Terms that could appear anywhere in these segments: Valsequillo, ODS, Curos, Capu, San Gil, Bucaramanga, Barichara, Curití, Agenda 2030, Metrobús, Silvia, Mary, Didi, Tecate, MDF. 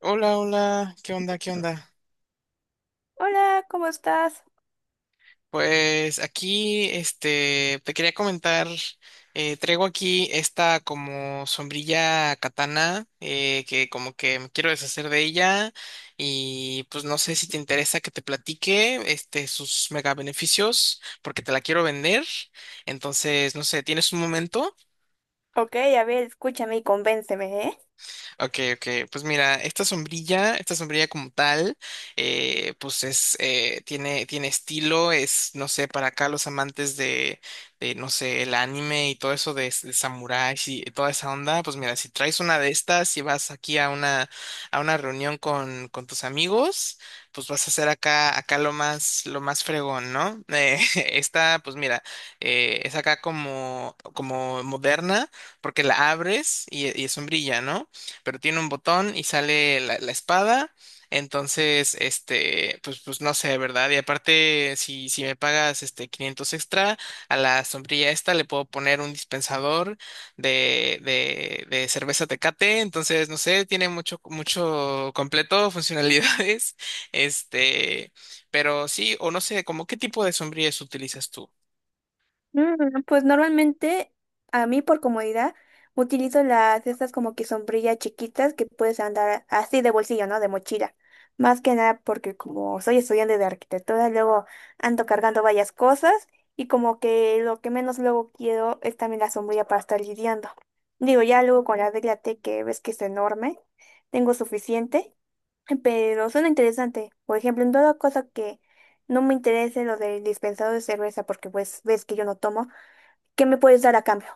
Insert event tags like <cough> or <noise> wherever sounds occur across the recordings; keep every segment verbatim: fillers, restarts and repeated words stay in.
Hola, hola, ¿qué onda? ¿Qué onda? Hola, ¿cómo estás? Pues aquí, este, te quería comentar, eh, traigo aquí esta como sombrilla katana, eh, que como que me quiero deshacer de ella y pues no sé si te interesa que te platique, este, sus mega beneficios, porque te la quiero vender, entonces, no sé, ¿tienes un momento? Ok, a ver, escúchame y convénceme, ¿eh? Ok, ok. Pues mira, esta sombrilla, esta sombrilla como tal, eh, pues es, eh, tiene, tiene estilo, es, no sé, para acá los amantes de, de, no sé, el anime y todo eso de, de samuráis y toda esa onda, pues mira, si traes una de estas y vas aquí a una, a una reunión con, con tus amigos, pues vas a hacer acá, acá lo más, lo más fregón, ¿no? Eh, <laughs> esta, pues mira, eh, es acá como, como moderna, porque la abres y, y es sombrilla, ¿no? Pero tiene un botón y sale la, la espada. Entonces, este, pues, pues no sé, ¿verdad? Y aparte, si, si me pagas este quinientos extra, a la sombrilla esta le puedo poner un dispensador de, de, de cerveza Tecate. Entonces, no sé, tiene mucho, mucho completo, funcionalidades. <laughs> Este, pero sí, o no sé, como qué tipo de sombrillas utilizas tú. Mm, pues normalmente, a mí por comodidad, utilizo las estas como que sombrillas chiquitas que puedes andar así de bolsillo, ¿no? De mochila. Más que nada porque como soy estudiante de arquitectura, luego ando cargando varias cosas y como que lo que menos luego quiero es también la sombrilla para estar lidiando. Digo, ya luego con la regla T que ves que es enorme, tengo suficiente. Pero suena interesante. Por ejemplo, en toda cosa que no me interese lo del dispensador de cerveza, porque pues ves que yo no tomo, ¿qué me puedes dar a cambio?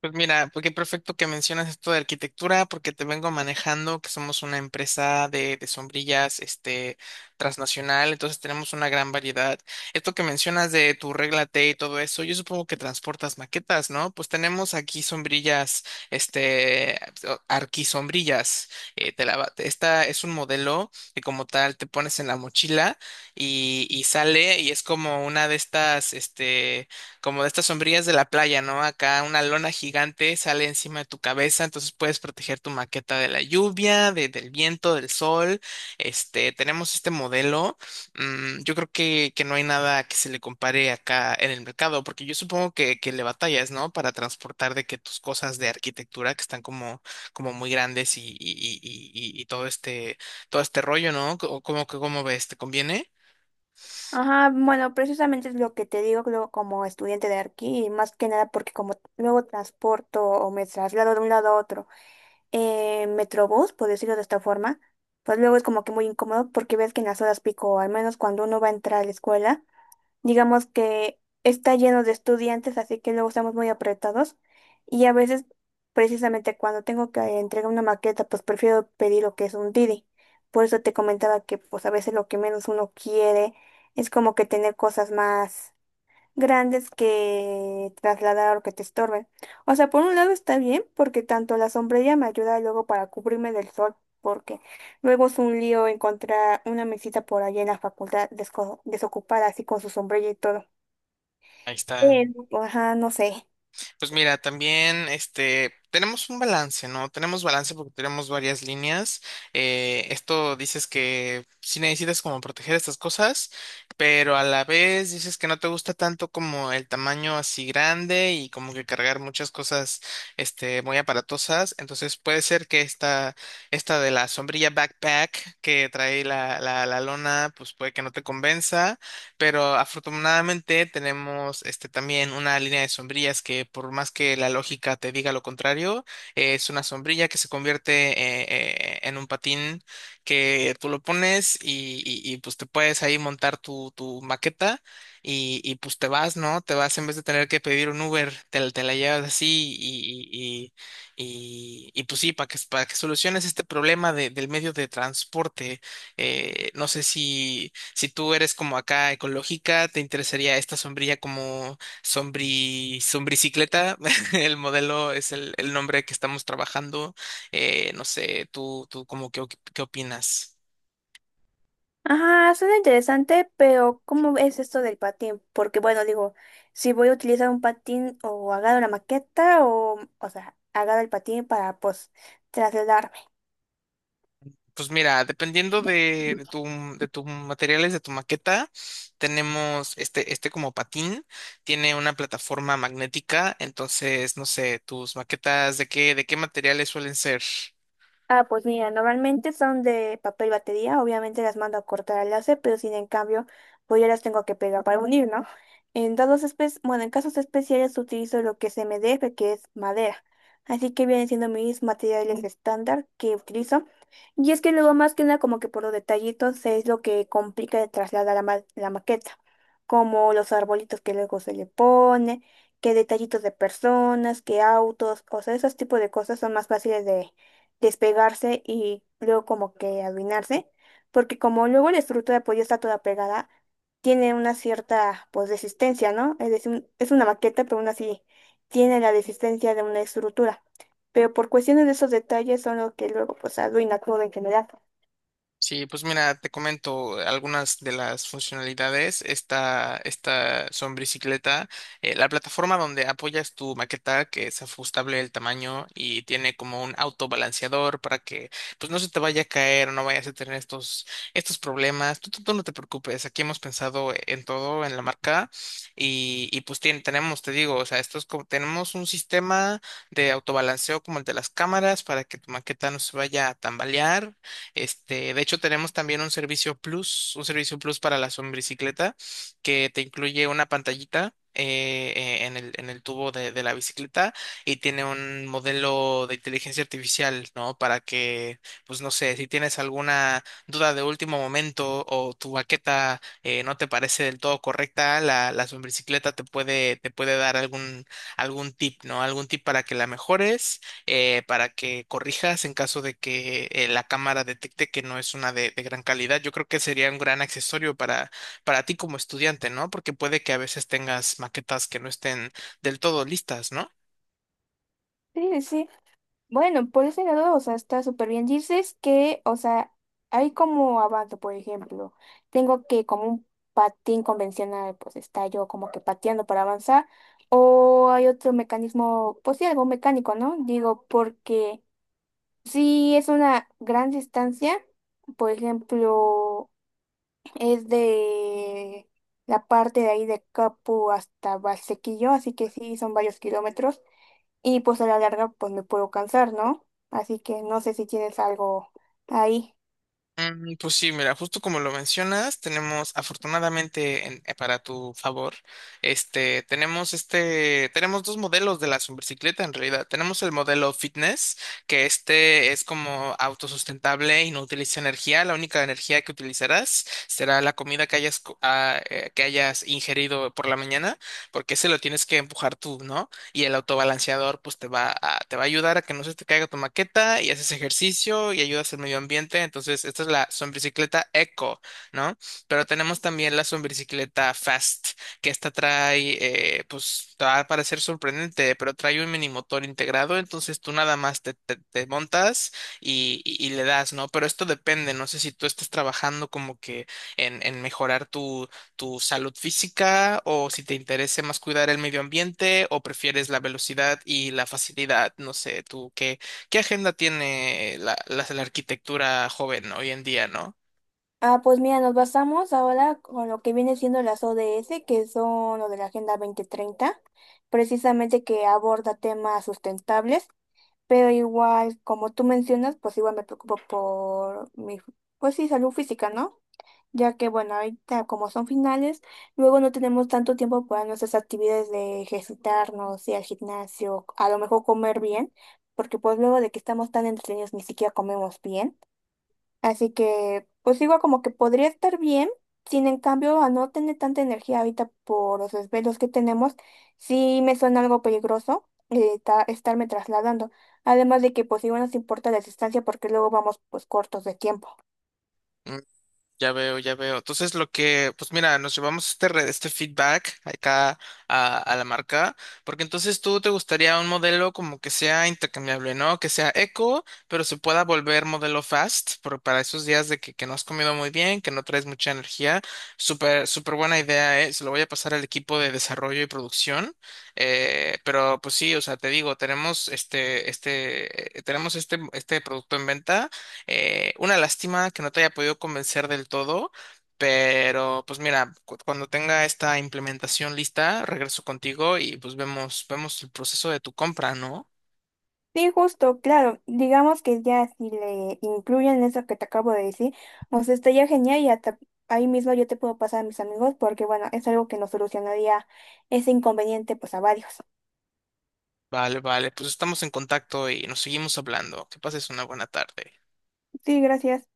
Pues mira, pues qué perfecto que mencionas esto de arquitectura, porque te vengo manejando que somos una empresa de, de sombrillas, este, transnacional, entonces tenemos una gran variedad. Esto que mencionas de tu regla T y todo eso, yo supongo que transportas maquetas, ¿no? Pues tenemos aquí sombrillas, este, o- arquisombrillas. eh, te la va- esta es un modelo que como tal te pones en la mochila y, y sale y es como una de estas, este como de estas sombrillas de la playa, ¿no? Acá una lona gigante sale encima de tu cabeza, entonces puedes proteger tu maqueta de la lluvia, de- del viento, del sol. Este, tenemos este modelo. mm, yo creo que, que no hay nada que se le compare acá en el mercado, porque yo supongo que, que le batallas, ¿no? Para transportar de que tus cosas de arquitectura que están como, como muy grandes y, y, y, y, y todo este, todo este rollo, ¿no? ¿Cómo, cómo, cómo ves? ¿Te conviene? Ajá, bueno, precisamente es lo que te digo luego como estudiante de aquí, y más que nada porque como luego transporto o me traslado de un lado a otro en Metrobús, por decirlo de esta forma, pues luego es como que muy incómodo porque ves que en las horas pico, o al menos cuando uno va a entrar a la escuela, digamos que está lleno de estudiantes, así que luego estamos muy apretados. Y a veces, precisamente cuando tengo que entregar una maqueta, pues prefiero pedir lo que es un Didi. Por eso te comentaba que pues a veces lo que menos uno quiere es como que tener cosas más grandes que trasladar o que te estorben. O sea, por un lado está bien porque tanto la sombrilla me ayuda luego para cubrirme del sol, porque luego es un lío encontrar una mesita por allá en la facultad desco- desocupada así con su sombrilla y todo. Ahí está. Pero, ajá, no sé. Pues mira, también este tenemos un balance, ¿no? Tenemos balance porque tenemos varias líneas. Eh, esto dices que sí necesitas como proteger estas cosas, pero a la vez dices que no te gusta tanto como el tamaño así grande y como que cargar muchas cosas este muy aparatosas. Entonces puede ser que esta, esta de la sombrilla backpack que trae la, la, la lona, pues puede que no te convenza. Pero afortunadamente tenemos este también una línea de sombrillas que por más que la lógica te diga lo contrario, eh, es una sombrilla que se convierte eh, eh, en un patín que tú lo pones y, y- y, pues te puedes ahí montar tu, tu maqueta y, y, pues te vas, ¿no? Te vas en vez de tener que pedir un Uber, te, la te la llevas así y, y, y, y, y, pues sí, para que, para que soluciones este problema de- del medio de transporte. eh, no sé si... Si tú eres como acá ecológica, te interesaría esta sombrilla como sombri, sombricicleta. <laughs> El modelo es el, el nombre que estamos trabajando. Eh, no sé, tú, tú como qué, qué opinas. Ajá, suena interesante, pero ¿cómo es esto del patín? Porque bueno, digo, si voy a utilizar un patín o agarro la maqueta o, o sea, agarro el patín para pues trasladarme. Pues mira, dependiendo de, de tu, de tus materiales, de tu maqueta, tenemos este, este como patín, tiene una plataforma magnética, entonces, no sé, tus maquetas, ¿de qué, de qué materiales suelen ser? Ah, pues mira, normalmente son de papel batería, obviamente las mando a cortar al láser, pero sin en cambio, pues ya las tengo que pegar para unir, ¿no? En dados espe- bueno, en casos especiales utilizo lo que es MDF, que es madera. Así que vienen siendo mis materiales estándar que utilizo. Y es que luego más que nada como que por los detallitos es lo que complica de trasladar la, ma- la maqueta, como los arbolitos que luego se le pone, que detallitos de personas, que autos, o sea, esos tipos de cosas son más fáciles despegarse y luego como que arruinarse, porque como luego la estructura pues ya está toda pegada, tiene una cierta pues resistencia, ¿no? Es decir, es una maqueta, pero aún así tiene la resistencia de una estructura. Pero por cuestiones de esos detalles son lo que luego pues arruina todo en general. Sí, pues mira, te comento algunas de las funcionalidades. Esta, esta son bicicleta, eh, la plataforma donde apoyas tu maqueta, que es ajustable el tamaño y tiene como un autobalanceador para que pues no se te vaya a caer, no vayas a tener estos, estos problemas. Tú, tú- tú no te preocupes, aquí hemos pensado en todo, en la marca, y, y pues tien- tenemos, te digo, o sea, esto es como, tenemos un sistema de autobalanceo como el de las cámaras para que tu maqueta no se vaya a tambalear. Este, de hecho, tenemos también un servicio plus, un servicio plus para la sombricicleta, que te incluye una pantallita. eh, eh, en el, en el tubo de, de la bicicleta y tiene un modelo de inteligencia artificial, ¿no? Para que, pues no sé, si tienes alguna duda de último momento o tu baqueta eh, no te parece del todo correcta, la, la sombricicleta te puede, te puede dar algún, algún tip, ¿no? Algún tip para que la mejores eh, para que corrijas en caso de que eh, la cámara detecte que no es una de, de gran calidad. Yo creo que sería un gran accesorio para, para ti como estudiante, ¿no? Porque puede que a veces tengas maquetas que no estén del todo listas, ¿no? Sí, sí. Bueno, por ese lado, o sea, está súper bien. Dices que, o sea, hay como avance, por ejemplo, tengo que como un patín convencional, pues está yo como que pateando para avanzar, o hay otro mecanismo, pues sí, algo mecánico, ¿no? Digo, porque si es una gran distancia, por ejemplo, es de la parte de ahí de Capu hasta Valsequillo, así que sí, son varios kilómetros y pues a la larga pues me puedo cansar, ¿no? Así que no sé si tienes algo ahí. Mm, pues sí, mira, justo como lo mencionas, tenemos afortunadamente en- eh, para tu favor, este, tenemos este, tenemos dos modelos de la superbicicleta en realidad. Tenemos el modelo fitness, que este es como autosustentable y no utiliza energía. La única energía que utilizarás será la comida que hayas, co- ah, eh, que hayas ingerido por la mañana, porque ese lo tienes que empujar tú, ¿no? Y el autobalanceador pues te va a, te va a ayudar a que no se te caiga tu maqueta y haces ejercicio y ayudas al medio ambiente. Entonces, esta es la sombricicleta eco, ¿no? Pero tenemos también la sombricicleta fast, que esta trae, eh, pues te va a parecer sorprendente, pero trae un mini motor integrado, entonces tú nada más te, te, te montas y, y- y le das, ¿no? Pero esto depende, no sé si tú estás trabajando como que en, en mejorar tu tu salud física o si te interesa más cuidar el medio ambiente o prefieres la velocidad y la facilidad. No sé, tú, ¿qué, qué agenda tiene la, la, la arquitectura joven hoy en día, ¿no? Ah, pues mira, nos basamos ahora con lo que viene siendo las O D S, que son lo de la Agenda veinte treinta, precisamente que aborda temas sustentables, pero igual, como tú mencionas, pues igual me preocupo por mi, pues sí, salud física, ¿no? Ya que bueno, ahorita como son finales, luego no tenemos tanto tiempo para nuestras actividades de ejercitarnos, ir al gimnasio, a lo mejor comer bien, porque pues luego de que estamos tan entretenidos ni siquiera comemos bien. Así que pues digo como que podría estar bien, sin en cambio a no tener tanta energía ahorita por los desvelos que tenemos, sí me suena algo peligroso. Eh, ta- estarme trasladando, además de que pues igual nos importa la distancia porque luego vamos pues cortos de tiempo. Ya veo, ya veo. Entonces, lo que, pues mira, nos llevamos este, re- este feedback acá a, a la marca, porque entonces tú te gustaría un modelo como que sea intercambiable, ¿no? Que sea eco, pero se pueda volver modelo fast, por- para esos días de que, que no has comido muy bien, que no traes mucha energía. Súper, súper buena idea, ¿eh? Se lo voy a pasar al equipo de desarrollo y producción. Eh, pero pues sí, o sea, te digo, tenemos este, este, eh, tenemos este, este producto en venta. Eh, una lástima que no te haya podido convencer del todo, pero pues mira, cu- cuando tenga esta implementación lista, regreso contigo y pues vemos, vemos el proceso de tu compra, ¿no? Sí, justo, claro. Digamos que ya si le incluyen eso que te acabo de decir, pues estaría genial y hasta ahí mismo yo te puedo pasar a mis amigos porque bueno, es algo que nos solucionaría ese inconveniente pues a varios. Vale, vale, pues estamos en contacto y nos seguimos hablando. Que pases una buena tarde. Sí, gracias.